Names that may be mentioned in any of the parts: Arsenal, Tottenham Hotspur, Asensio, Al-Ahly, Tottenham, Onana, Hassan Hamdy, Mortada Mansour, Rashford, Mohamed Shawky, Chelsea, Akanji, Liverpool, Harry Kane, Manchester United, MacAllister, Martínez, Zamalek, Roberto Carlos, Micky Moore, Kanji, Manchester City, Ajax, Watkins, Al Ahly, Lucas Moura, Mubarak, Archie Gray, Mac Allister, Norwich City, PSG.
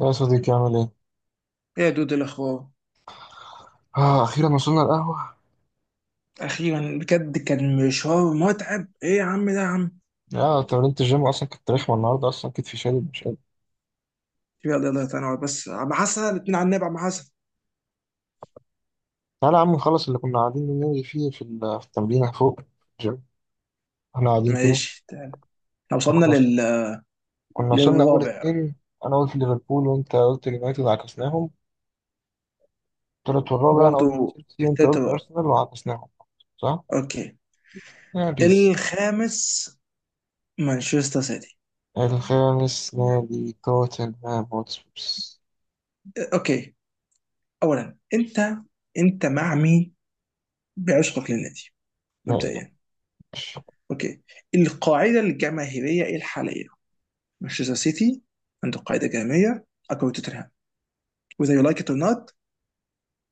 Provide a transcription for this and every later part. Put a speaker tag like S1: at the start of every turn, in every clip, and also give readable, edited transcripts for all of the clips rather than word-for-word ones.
S1: يا صديقي عامل ايه؟
S2: ايه يا دود، إيه الاخبار؟
S1: اه، اخيرا وصلنا القهوة.
S2: اخيرا بجد، كان مشوار متعب. ايه يا عم ده يا عم.
S1: اه، تمرينة الجيم اصلا كانت رخمة النهاردة، اصلا كتفي شادد مش قادر.
S2: يلا تعالى نقعد بس عم حسن. الاتنين على النبي عم حسن.
S1: تعالى يا عم نخلص اللي كنا قاعدين بنلغي فيه في التمرين فوق الجيم. احنا قاعدين كده.
S2: ماشي تعالى. احنا
S1: إحنا
S2: وصلنا
S1: كنا
S2: لل...
S1: كنا وصلنا اول
S2: للرابع.
S1: اتنين. انا قلت ليفربول وانت قلت يونايتد، عكسناهم. التالت والرابع انا قلت
S2: وبرضه
S1: تشيلسي وانت
S2: التالت.
S1: قلت ارسنال، وعكسناهم. صح؟
S2: اوكي.
S1: يا بيس.
S2: الخامس مانشستر سيتي.
S1: الخامس نادي توتنهام هوتسبيرز.
S2: اوكي، اولا انت مع مين؟ بعشقك للنادي،
S1: يا إلهي.
S2: مبدئيا. اوكي، القاعده الجماهيريه إيه الحاليه؟ مانشستر سيتي عنده قاعده جماهيريه اقوى. توتنهام whether you like it or not،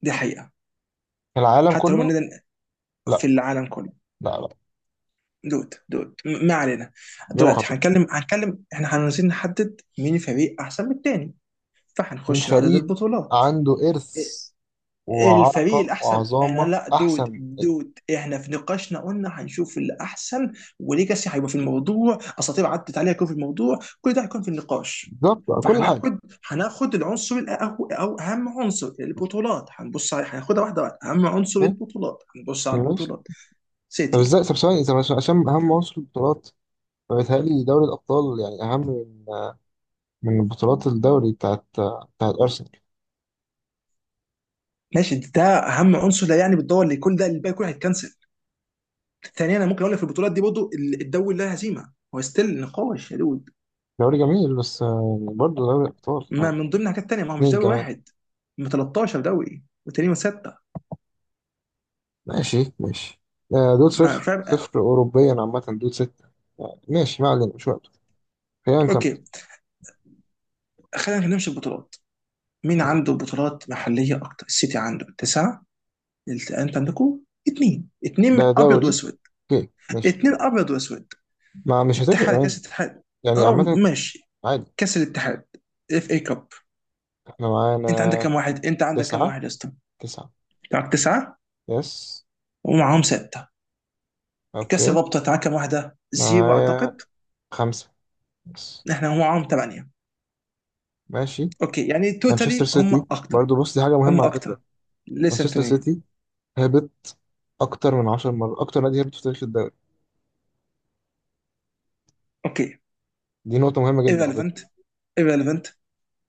S2: دي حقيقة.
S1: العالم
S2: حتى لو هم
S1: كله؟
S2: النادي
S1: لا،
S2: في العالم كله.
S1: لا.
S2: دود، ما علينا.
S1: إجابة
S2: دلوقتي
S1: خاطئة.
S2: هنتكلم، احنا عايزين نحدد مين الفريق احسن من التاني،
S1: من
S2: فهنخش لعدد
S1: فريق
S2: البطولات.
S1: عنده إرث
S2: ا- الفريق
S1: وعرقة
S2: الاحسن، انا
S1: وعظامة
S2: لا، دود
S1: أحسن.
S2: دود احنا في نقاشنا قلنا هنشوف الاحسن. وليجاسي هيبقى في الموضوع، اساطير عدت عليها هيكون في الموضوع، كل ده هيكون في النقاش.
S1: بالظبط، كل حاجة.
S2: فهناخد هناخد العنصر او اهم عنصر، البطولات، هنبص عليه. هناخدها واحده واحده. اهم عنصر
S1: فاهم؟
S2: البطولات، هنبص على
S1: ماشي.
S2: البطولات.
S1: طب
S2: سيتي.
S1: ازاي؟ طب ثواني، طب عشان أهم عنصر البطولات، فبيتهيألي دوري الأبطال يعني أهم من بطولات الدوري بتاعت أرسنال.
S2: ماشي، ده اهم عنصر لا يعني بالدور، اللي يكون ده الباقي كله هيتكنسل. ثانيا انا ممكن اقول لك في البطولات دي برضه، الدوري لا هزيمه، هو ستيل نقاش يا دود.
S1: دوري جميل، بس آه، برضه دوري الأبطال
S2: ما
S1: يعني.
S2: من ضمن حاجات تانيه، ما هو مش
S1: اتنين
S2: دوري
S1: كمان.
S2: واحد، من 13 دوري والتاني من 6.
S1: ماشي. آه، دول
S2: ما
S1: صفر
S2: فاهم.
S1: صفر أوروبيا عامة، دول ستة. آه، ماشي، ما علينا، مش وقته. خلينا نكمل.
S2: اوكي، خلينا نمشي البطولات. مين عنده
S1: ماشي.
S2: بطولات محليه اكتر؟ السيتي عنده 9. انت عندكم اثنين،
S1: ده
S2: اثنين ابيض
S1: دوري.
S2: واسود.
S1: اوكي ماشي.
S2: اثنين ابيض واسود.
S1: ما مش هتفرق
S2: اتحاد،
S1: يعني.
S2: كاس الاتحاد.
S1: يعني
S2: اه
S1: عامة.
S2: ماشي.
S1: عادي.
S2: كاس الاتحاد، اف اي كاب.
S1: احنا معانا
S2: انت عندك كام واحد؟
S1: تسعة.
S2: يا اسطى؟
S1: تسعة.
S2: معاك 9،
S1: يس.
S2: ومعاهم 6. كاس
S1: اوكي.
S2: الرابطه تعاكم واحده، زيرو
S1: معايا
S2: اعتقد.
S1: خمسة. يس.
S2: احنا هم معاهم 8.
S1: ماشي.
S2: اوكي، يعني
S1: مانشستر
S2: توتالي هم
S1: سيتي
S2: اكتر.
S1: برضو، بص دي حاجة
S2: هم
S1: مهمة على
S2: اكتر.
S1: فكرة.
S2: Listen to
S1: مانشستر
S2: me.
S1: سيتي هبط أكتر من 10 مرات، أكتر نادي هبط في تاريخ الدوري.
S2: اوكي.
S1: دي نقطة مهمة جدا على فكرة.
S2: Irrelevant. Irrelevant.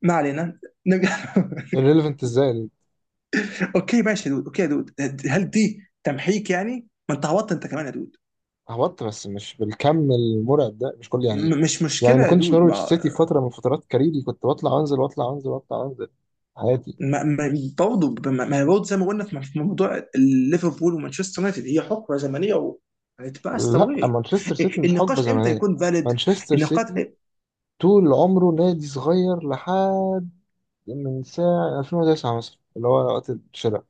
S2: ما علينا، نرجع.
S1: irrelevant ازاي؟
S2: اوكي ماشي يا دود، اوكي يا دود. هل دي تمحيك يعني؟ ما انت هبطت انت كمان يا دود.
S1: هبط بس مش بالكم المرعب ده، مش كل يعني.
S2: مش
S1: يعني
S2: مشكله
S1: ما
S2: يا
S1: كنتش
S2: دود.
S1: نورويتش
S2: ما
S1: سيتي في فترة من فترات كاريري، كنت بطلع وانزل واطلع وانزل واطلع وانزل حياتي.
S2: ما ما برضه ما ما برضه زي ما قلنا في موضوع ليفربول ومانشستر يونايتد، هي حقبه زمنيه، و it passed
S1: لا،
S2: away.
S1: مانشستر سيتي
S2: إيه،
S1: مش حقبة
S2: النقاش امتى
S1: زمنية.
S2: يكون فاليد؟
S1: مانشستر
S2: النقاش
S1: سيتي
S2: إيه،
S1: طول عمره نادي صغير لحد من ساعة 2009 مثلا، اللي هو وقت الشراء.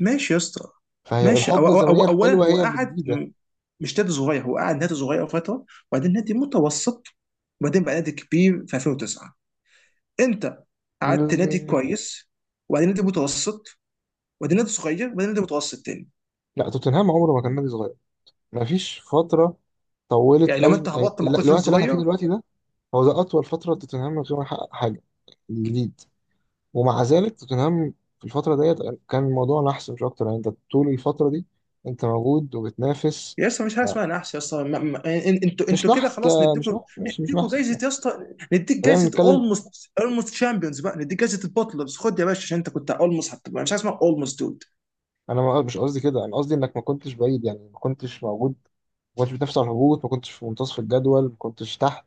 S2: ماشي يا اسطى.
S1: فهي
S2: ماشي، أو
S1: الحقبة
S2: أو أو
S1: الزمنية
S2: اولا
S1: الحلوة
S2: هو
S1: هي
S2: قعد،
S1: الجديدة.
S2: مش نادي صغير. هو قعد نادي صغير فتره، وبعدين نادي متوسط، وبعدين بقى نادي كبير في 2009. انت قعدت نادي
S1: مم،
S2: كويس، وبعدين نادي متوسط، وبعدين نادي صغير، وبعدين نادي متوسط تاني.
S1: لا، توتنهام عمره ما كان نادي صغير. مفيش فترة طولت
S2: يعني لما
S1: قوي
S2: انت
S1: يعني
S2: هبطت ما كنتش نادي
S1: الوقت اللي احنا
S2: صغير.
S1: فيه دلوقتي ده. هو ده أطول فترة توتنهام من غير ما يحقق حاجة جديد. ومع ذلك توتنهام في الفترة ديت كان الموضوع نحس مش أكتر، يعني أنت طول الفترة دي أنت موجود وبتنافس.
S2: يا اسطى مش حاجه
S1: آه،
S2: اسمها نحس يا اسطى. انتوا
S1: مش
S2: انتوا كده
S1: نحس،
S2: خلاص
S1: آه، مش
S2: نديكوا.
S1: نحس، ماشي، مش
S2: نديكوا
S1: نحس، مش
S2: جايزه
S1: نحس.
S2: يا اسطى. نديك
S1: خلينا
S2: جايزه
S1: نتكلم.
S2: اولموست. اولموست شامبيونز بقى، نديك جايزه البطلرز، خد يا باشا عشان انت كنت اولموست. هتبقى مش حاجه اسمها اولموست دود.
S1: انا مش قصدي كده، انا قصدي انك ما كنتش بعيد يعني، ما كنتش موجود. ما كنتش بتنافس على الهبوط، ما كنتش في منتصف الجدول، ما كنتش تحت.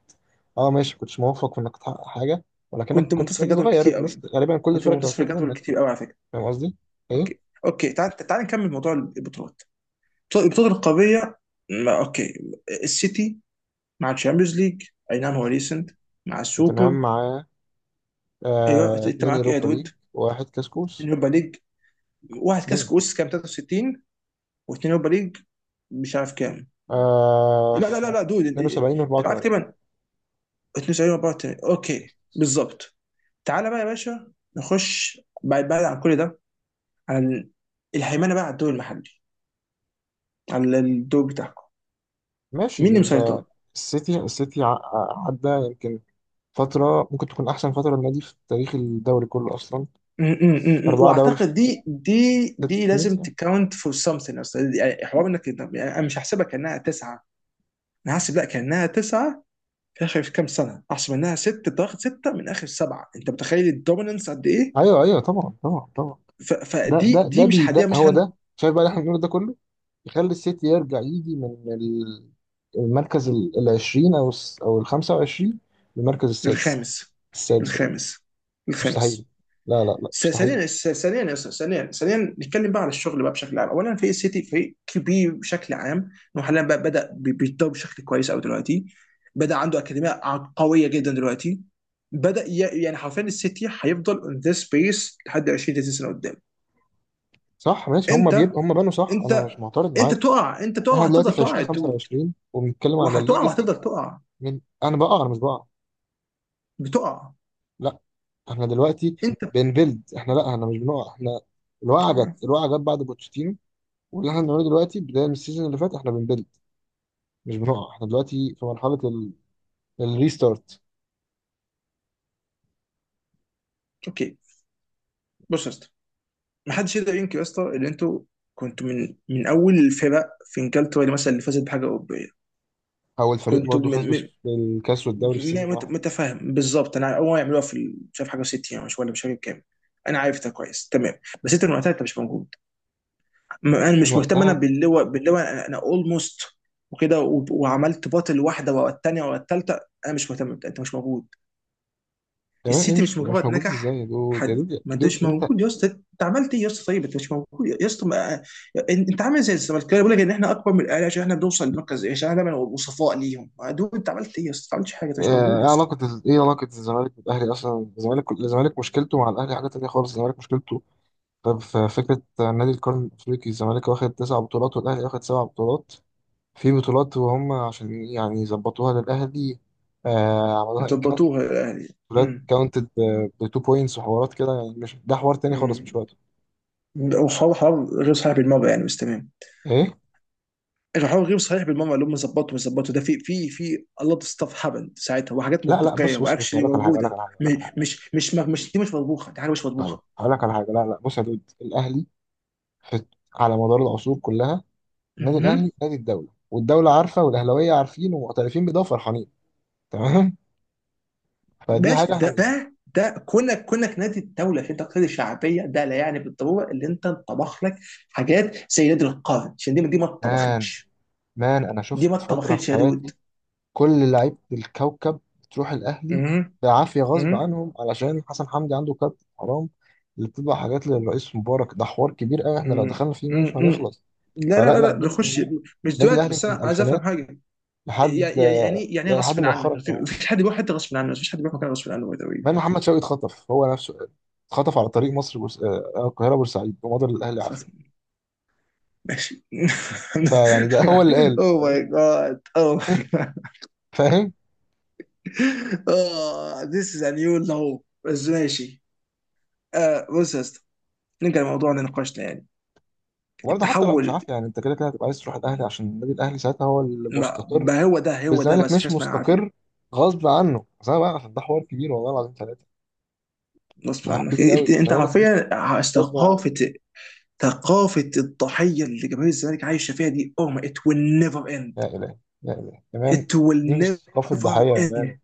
S1: اه ماشي، ما كنتش موفق في انك تحقق حاجه، ولكنك
S2: كنت
S1: كنت
S2: منتصف
S1: نجم
S2: الجدول
S1: صغير،
S2: كتير
S1: الناس
S2: قوي.
S1: غالبا كل
S2: كنت
S1: الفرق كانت
S2: منتصف
S1: بتخاف
S2: الجدول
S1: منك.
S2: كتير قوي على فكره.
S1: فاهم قصدي؟ ايه؟
S2: اوكي. اوكي، تعال نكمل موضوع البطولات. طيب، البطوله القاريه. اوكي. السيتي مع الشامبيونز ليج، اي نعم هو ريسنت، مع
S1: توتنهام
S2: السوبر.
S1: معاه
S2: ايوه
S1: آه
S2: انت
S1: اتنين
S2: معاك ايه يا
S1: يوروبا
S2: دود؟
S1: ليج وواحد كسكوس.
S2: اليوروبا ليج، واحد كاس
S1: اتنين.
S2: كؤوس كام 63، واثنين يوروبا ليج. مش عارف كام.
S1: آه
S2: لا دود،
S1: 72 و
S2: أنت معاك
S1: 84.
S2: تقريبا 72 مباراه تاني. اوكي بالظبط. تعالى بقى يا باشا نخش بعد بعد عن كل ده، على الهيمنه بقى على الدوري المحلي، على الدوري بتاعكم.
S1: ماشي
S2: مين اللي مسيطر؟
S1: السيتي. السيتي عدى يمكن فترة ممكن تكون أحسن فترة للنادي في تاريخ الدوري كله أصلا.
S2: م- م- م- م.
S1: أربعة دوري في
S2: واعتقد دي دي
S1: ست
S2: دي
S1: سنين،
S2: لازم
S1: صح؟
S2: تكاونت فور something اصلا. يعني حوار انك يعني انا مش هحسبها كانها تسعه. انا هحسب لا كانها تسعه في اخر كام سنه. احسب انها ست، تاخد سته من اخر سبعه. انت متخيل الدوميننس قد ايه؟
S1: أيوه أيوه، طبعا طبعا طبعا. ده
S2: فدي
S1: ده ده بي
S2: مش
S1: ده
S2: هديها، مش
S1: هو
S2: هن...
S1: ده، شايف بقى اللي إحنا بنقوله ده كله. يخلي السيتي يرجع يجي من المركز ال 20 أو ال 25 للمركز السادس.
S2: الخامس.
S1: السادس
S2: الخامس.
S1: مستحيل،
S2: الخامس.
S1: لا مستحيل.
S2: ثانيا يا أستاذ، ثانيا ثانيا، نتكلم بقى على الشغل بقى بشكل عام. اولا فريق السيتي فريق كبير بشكل عام، انه حاليا بقى بدا بيتطور بشكل كويس قوي دلوقتي. بدا عنده اكاديميه قويه جدا دلوقتي. بدا ي- يعني حرفيا السيتي هيفضل اون ذيس بيس لحد 20 30 سنه قدام.
S1: صح ماشي، هم بيب
S2: انت
S1: هم بنوا، صح، أنا مش
S2: انت
S1: معترض
S2: انت
S1: معاك.
S2: تقع. انت تقع
S1: إحنا دلوقتي
S2: وهتفضل
S1: في
S2: تقع يا دود.
S1: 2025 وبنتكلم على
S2: وهتقع
S1: الليجاسي
S2: وهتفضل تقع.
S1: من أنا بقع؟ أنا مش بقع.
S2: بتقع
S1: لا احنا دلوقتي
S2: انت.
S1: بنبيلد، احنا لا احنا مش بنقع، احنا الوقعه
S2: آه،
S1: جت، الوقعه جت بعد بوتشيتينو. واللي احنا بنعمله دلوقتي بداية من السيزون اللي فات احنا بنبيلد مش بنقع. احنا دلوقتي في مرحلة ال... الريستارت.
S2: اوكي، بص يا أستاذ، ما حدش يقدر ينكر يا اسطى ان انتوا كنتوا من اول الفرق في انجلترا اللي مثلا اللي فازت بحاجه اوروبيه.
S1: هو الفريق
S2: كنتوا
S1: برضه فاز
S2: من، من.
S1: بالكاس والدوري في سيزون واحد.
S2: متفاهم بالظبط. انا اول ما يعملوها في مش عارف حاجه 60، او مش، ولا مش فاكر كام. انا عارف ده كويس تمام. بس انت من وقتها انت مش موجود. انا
S1: من
S2: مش مهتم. انا
S1: وقتها
S2: باللواء، باللواء، انا اولموست، وكده، وعملت باطل واحده ورا الثانيه ورا الثالثه. انا مش مهتم، انت مش موجود.
S1: تمام. ايه
S2: السيتي
S1: مش
S2: مش
S1: يعني مش
S2: مجرد
S1: موجود ازاي؟
S2: نجح.
S1: يا دود يا
S2: حد
S1: دود يا
S2: ما، انت
S1: دود
S2: مش
S1: انت.
S2: موجود يا اسطى. انت عملت ايه يا اسطى؟ طيب انت مش موجود يا اسطى، ما... انت عامل زي الزمالكاويه بيقول لك ان احنا اكبر من الاهلي عشان احنا بنوصل للمركز، عشان احنا دايما وصفاء ليهم. ما دول انت عملت ايه يا اسطى؟ ما عملتش حاجه، انت مش
S1: آه،
S2: موجود يا
S1: ايه
S2: اسطى.
S1: علاقة ايه علاقة الزمالك بالاهلي اصلا؟ الزمالك مشكلته مع الاهلي حاجة تانية خالص. الزمالك مشكلته طب في فكرة نادي القرن الافريقي، الزمالك واخد 9 بطولات والاهلي واخد 7 بطولات. في بطولات وهم عشان يعني يظبطوها للاهلي، آه عملوها
S2: انت ضبطوها الاهلي.
S1: فلات
S2: امم.
S1: كاونتد بتو بوينتس وحوارات كده يعني. مش ده حوار تاني خالص، مش
S2: امم.
S1: وقته.
S2: وحوار، حوار غير صحيح بالمره يعني، بس تمام.
S1: ايه.
S2: الحوار غير صحيح بالمره، اللي هم ظبطوا مش ظبطوا ده، في الله، ستاف هبل ساعتها، وحاجات
S1: لا لا،
S2: منطقيه
S1: بص بص بص،
S2: واكشلي
S1: اقول لك على حاجه،
S2: موجوده، مش مش مش مش دي مش مطبوخه، دي حاجه مش
S1: أنا هقول لك على حاجه. لا لا، بص يا دود الاهلي في على مدار العصور كلها، النادي
S2: مطبوخه.
S1: الاهلي نادي الدوله، والدوله عارفه والاهلاويه عارفين ومعترفين بده وفرحانين، تمام. فدي
S2: ماشي،
S1: حاجه احنا
S2: ده
S1: يعني.
S2: ده ده كونك، كونك نادي الدوله عشان تقتضي الشعبيه، ده لا يعني بالضروره اللي انت تطبخ لك حاجات زي نادي القرن، عشان دي ما
S1: مان
S2: اتطبختش.
S1: مان انا
S2: دي ما
S1: شفت فتره في
S2: اتطبختش يا دود.
S1: حياتي كل لعيبة الكوكب بتروح الأهلي
S2: مم.
S1: بعافية غصب
S2: مم.
S1: عنهم، علشان حسن حمدي عنده كابتن حرام اللي بتطبع حاجات للرئيس مبارك. ده حوار كبير قوي، احنا لو
S2: مم.
S1: دخلنا فيه مش
S2: مم.
S1: هنخلص.
S2: لا لا
S1: فلا
S2: لا
S1: لا
S2: لا
S1: النادي
S2: نخش،
S1: الأهلي،
S2: مش
S1: النادي
S2: دلوقتي،
S1: الأهلي
S2: بس
S1: من
S2: انا عايز افهم
S1: الألفينات
S2: حاجه.
S1: لحد
S2: يعني إيه
S1: يعني لحد
S2: غصب عنك؟
S1: مؤخرا كمان،
S2: مفيش حد بيروح حته غصب عنه، مفيش حد بيروح مكان غصب عنه by the way.
S1: مع إن محمد شوقي اتخطف هو نفسه، اتخطف على طريق آه، آه، القاهرة بورسعيد ومضى للأهلي
S2: خلاص
S1: عافية.
S2: ماشي.
S1: فيعني ده هو اللي قال.
S2: اوه
S1: فاهم؟
S2: ماي جاد، اوه ماي.
S1: فاهم.
S2: اه، this is a new low، بس ماشي. آه بص يا اسطى، نرجع لموضوع نقاشنا يعني.
S1: وبرضه حتى لو مش
S2: التحول.
S1: عافية يعني، انت كده كده هتبقى عايز تروح الأهلي عشان النادي الأهلي ساعتها هو
S2: ما,
S1: المستقر
S2: ما هو ده، هو ده،
S1: والزمالك
S2: بس مش
S1: مش
S2: اسمها عافيه.
S1: مستقر غصب عنه. بس انا بقى ده حوار كبير، والله العظيم ثلاثه ده
S2: غصب
S1: حوار
S2: عنك.
S1: كبير قوي.
S2: انت
S1: الزمالك مش
S2: حرفيا
S1: غصب عنه.
S2: ثقافه، ثقافه الضحيه اللي جماهير الزمالك عايشه فيها دي، oh my it will never
S1: لا
S2: end.
S1: اله، لا اله يا مان.
S2: It will
S1: دي مش ثقافه ضحيه
S2: never
S1: يا مان،
S2: end.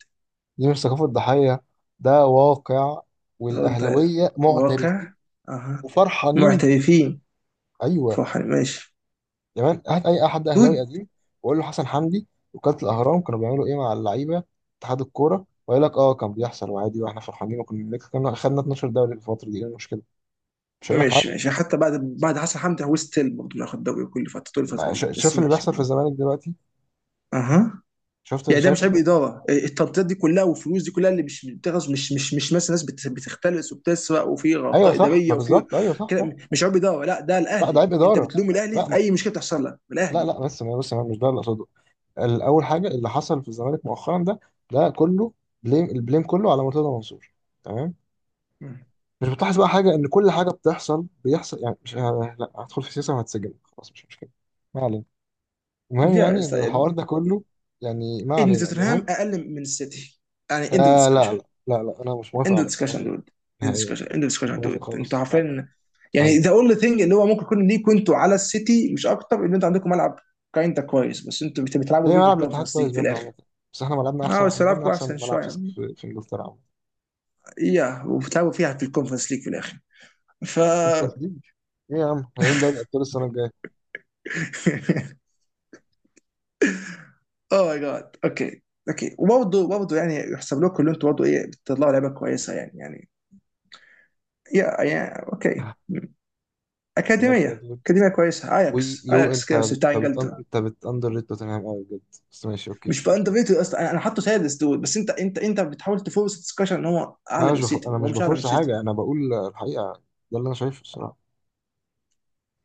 S1: دي مش ثقافه ضحيه. ده واقع
S2: ده
S1: والاهلاويه معترفين
S2: واقع. اها.
S1: وفرحانين بيه.
S2: معترفين.
S1: ايوه.
S2: فرحان ماشي.
S1: يا مان هات اي حد اهلاوي
S2: دود.
S1: قديم وقول له حسن حمدي وكاله الاهرام كانوا بيعملوا ايه مع اللعيبه اتحاد الكوره، ويقول لك اه كان بيحصل وعادي واحنا فرحانين وكنا بنكسب. كنا خدنا 12 دوري في الفتره دي، ايه المشكله؟ مش هقول لك حاجه.
S2: ماشي ماشي، يعني حتى بعد، بعد حسن حمدي هو ستيل برضه بياخد دوري كل فتره، طول الفتره
S1: ما
S2: دي،
S1: شا-
S2: بس
S1: شايف اللي
S2: ماشي.
S1: بيحصل في الزمالك دلوقتي؟
S2: اها.
S1: شفت اللي
S2: يعني ده
S1: شايف
S2: مش
S1: اللي
S2: عيب
S1: بيحصل؟
S2: اداره؟ التنطيط دي كلها والفلوس دي كلها اللي مش بتغز، مش مش مش مثلا ناس بتختلس وبتسرق، وفي
S1: ايوه
S2: اخطاء
S1: صح،
S2: اداريه،
S1: ما
S2: وفي
S1: بالظبط، ايوه صح
S2: كده.
S1: صح.
S2: مش عيب اداره، لا ده
S1: لا ده
S2: الاهلي،
S1: عيب
S2: انت
S1: اداره.
S2: بتلوم الاهلي
S1: لا
S2: في
S1: ما
S2: اي مشكله بتحصل لك،
S1: لا
S2: الاهلي.
S1: لا، بس ما بس ما مش ده اللي اقصده. الاول حاجه، اللي حصل في الزمالك مؤخرا ده ده كله بليم، البليم كله على مرتضى منصور، تمام.
S2: مم.
S1: مش بتلاحظ بقى حاجه ان كل حاجه بتحصل بيحصل يعني، مش آه، لا هدخل في سياسه وهتسجن، خلاص مش مشكله، ما علينا. المهم
S2: يا
S1: يعني ان
S2: اسطى،
S1: الحوار ده كله يعني، ما
S2: ان
S1: علينا.
S2: توتنهام
S1: المهم
S2: اقل من السيتي. يعني اند اوف
S1: آه لا لا
S2: ديسكشن.
S1: لا لا، انا مش موافق
S2: اند
S1: على الكلام
S2: ديسكشن
S1: ده
S2: دود. اند
S1: نهائيا.
S2: ديسكشن. اند
S1: مش
S2: ديسكشن
S1: موافق
S2: دود، انتوا
S1: خالص، لا لا،
S2: عارفين. يعني
S1: مستحيل.
S2: ذا اونلي ثينج اللي هو ممكن يكون ليكوا انتوا على السيتي مش اكتر، ان انتوا عندكم ملعب كاينتا كويس، بس انتوا بتلعبوا
S1: ليه،
S2: بيه في
S1: ملعب الاتحاد
S2: الكونفرنس
S1: كويس
S2: ليج في
S1: برضه
S2: الاخر.
S1: عامة، بس احنا ملعبنا احسن.
S2: اه بس
S1: احنا ملعبنا
S2: لعبكم
S1: احسن
S2: احسن
S1: ملعب في
S2: شويه
S1: في انجلترا عامة.
S2: يا، وبتلعبوا فيها في الكونفرنس ليج في الاخر. ف...
S1: ما تنسيش، ايه يا عم، هيلاقيين دوري ابطال السنة الجاية.
S2: اوه ماي جاد. اوكي. اوكي، وبرضه يعني يحسب لكم اللي انتوا برضه، ايه، بتطلعوا لعيبه كويسه يعني يعني، يا اوكي،
S1: آه، بجد يا دود،
S2: اكاديميه كويسه، اياكس
S1: ويو
S2: اياكس
S1: انت
S2: كده بس
S1: بت-
S2: بتاع
S1: انت بت
S2: انجلترا.
S1: انت بتأندر ريت توتنهام قوي بجد. بس ماشي اوكي،
S2: مش
S1: مش
S2: بأندر
S1: مشكلة.
S2: ريتد اصلا، أنا حاطه سادس دول، بس انت انت بتحاول تفورس الدسكشن ان هو
S1: لا انا
S2: اعلى من
S1: مش بفر...
S2: السيتي.
S1: انا
S2: هو
S1: مش
S2: مش اعلى من
S1: بفرص
S2: السيتي.
S1: حاجة، انا بقول الحقيقة، ده اللي انا شايفه الصراحة.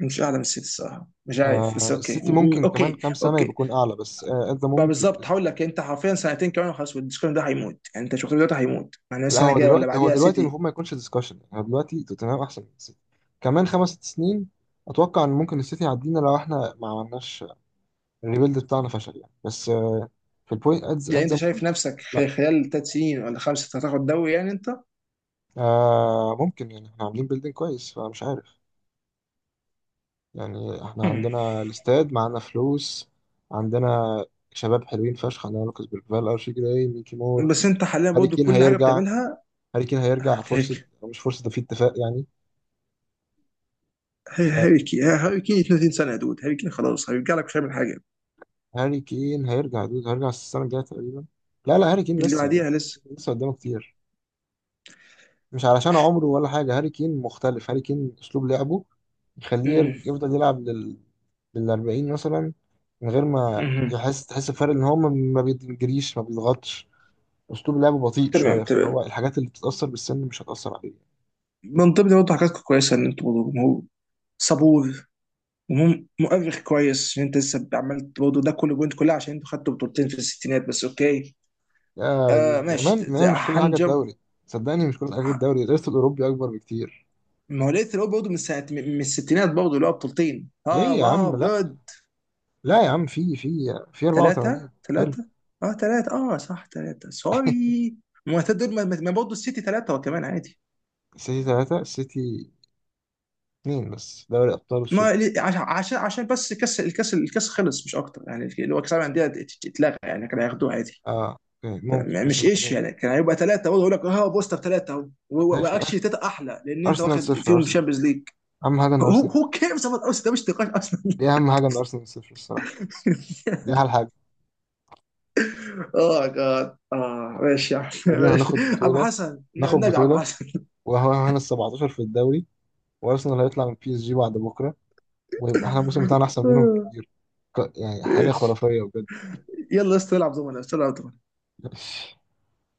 S2: مش اعلى من السيتي الصراحه. مش عارف بس
S1: آه
S2: اوكي.
S1: السيتي ممكن كمان كام سنة يبقى
S2: اوكي،
S1: يكون اعلى، بس آه at the
S2: بقى
S1: moment لا.
S2: بالظبط، هقول لك انت حرفيا سنتين كمان وخلاص والدسكشن ده هيموت. يعني انت شفت دلوقتي هيموت يعني،
S1: لا
S2: السنه
S1: هو
S2: الجايه ولا
S1: دلوقتي، هو
S2: بعديها
S1: دلوقتي
S2: سيتي.
S1: المفروض ما يكونش ديسكشن يعني، هو دلوقتي توتنهام احسن من السيتي. كمان خمس ست سنين اتوقع ان ممكن السيتي يعدينا لو احنا ما عملناش الريبيلد بتاعنا، فشل يعني، بس آه، في البوينت ادز
S2: يعني
S1: ادز
S2: انت شايف
S1: مومنت.
S2: نفسك
S1: لا،
S2: خلال ثلاث سنين ولا خمسه هتاخد دوري يعني انت؟
S1: آه ممكن يعني، احنا عاملين بيلدينج كويس فمش عارف. يعني احنا
S2: مم.
S1: عندنا الاستاد، معانا فلوس، عندنا شباب حلوين فشخ، عندنا لوكاس بالفال، ارشي جراي، ميكي مور.
S2: بس انت حاليا
S1: هاري
S2: برضه
S1: كين
S2: كل حاجه
S1: هيرجع.
S2: بتعملها.
S1: هاري كين
S2: آه،
S1: هيرجع فرصة.
S2: هيك،
S1: مش فرصة، ده في اتفاق يعني.
S2: هاري كين 32 سنه يا دود. هاري كين خلاص، هيرجع لك مش هيعمل حاجه.
S1: هاري كين هيرجع يا دود، هيرجع السنة الجاية تقريبا. لا لا، هاري كين
S2: اللي
S1: لسه لا.
S2: بعديها لسه.
S1: لسه قدامه كتير. مش علشان عمره ولا حاجة، هاري كين مختلف. هاري كين أسلوب لعبه يخليه يفضل يلعب للـ40 مثلا، من غير ما
S2: مم.
S1: يحس تحس بفرق إن هو ما بيجريش ما بيضغطش. أسلوب لعبه بطيء
S2: تمام
S1: شوية، فهو
S2: تمام.
S1: الحاجات اللي بتتأثر بالسن مش هتأثر عليه.
S2: من ضمن برضه حاجات كويسه، ان انتوا برضه جمهور صبور، جمهور مؤرخ كويس، ان انت لسه عملت برضه ده كله بوينت كلها، عشان انتوا خدتوا بطولتين في الستينات بس، اوكي.
S1: يا دي
S2: آه
S1: يا
S2: ماشي.
S1: مان، مش كل حاجة
S2: هنجم.
S1: الدوري. صدقني مش كل حاجة
S2: ه-
S1: الدوري، الإرث الأوروبي أكبر بكتير.
S2: ما هو لقيت الأول برضه من ساعه، من من الستينات برضه اللي هو بطولتين، اه
S1: ليه يا عم؟
S2: واو
S1: لا،
S2: جود.
S1: لا يا عم، في في
S2: ثلاثه
S1: 84. حلو.
S2: ثلاثه. اه ثلاثه اه صح، ثلاثه، سوري. ما هو دول، ما برضه السيتي ثلاثه وكمان عادي.
S1: السيتي ثلاثة، السيتي اثنين بس دوري أبطال
S2: ما
S1: السوبر.
S2: لي- عش- عشان عشان بس الكاس، الكاس خلص مش اكتر يعني، اللي هو كاس العالم للانديه اتلغى يعني، كانوا هياخدوه عادي.
S1: اه، اوكي ممكن، بس
S2: مش
S1: ناخد
S2: ايش
S1: دوري.
S2: يعني، كان هيبقى ثلاثه اقول لك، اه بوستر ثلاثه اهو.
S1: ماشي
S2: واكشلي ثلاثه احلى لان انت
S1: أرسنال
S2: واخد
S1: صفر.
S2: فيهم
S1: أرسنال،
S2: شامبيونز ليج.
S1: أهم حاجة إن
S2: هو،
S1: أرسنال
S2: هو
S1: صفر.
S2: كيرز اباوت اوس، ده مش نقاش اصلا.
S1: دي أهم حاجة، إن أرسنال صفر الصراحة. دي أحلى حاجة.
S2: اه جاد، اه ماشي يا عم،
S1: بعدين
S2: ماشي.
S1: هناخد
S2: عم
S1: بطولة.
S2: حسن،
S1: ناخد
S2: النبي عم
S1: بطولة
S2: حسن.
S1: وهو هنا ال 17 في الدوري، وأرسنال هيطلع من بي اس جي بعد بكرة، ويبقى احنا الموسم بتاعنا أحسن منهم بكتير. ك- يعني حاجة
S2: ماشي،
S1: خرافية بجد.
S2: يلا يا اسطى العب دومنا، يا اسطى العب دومنا.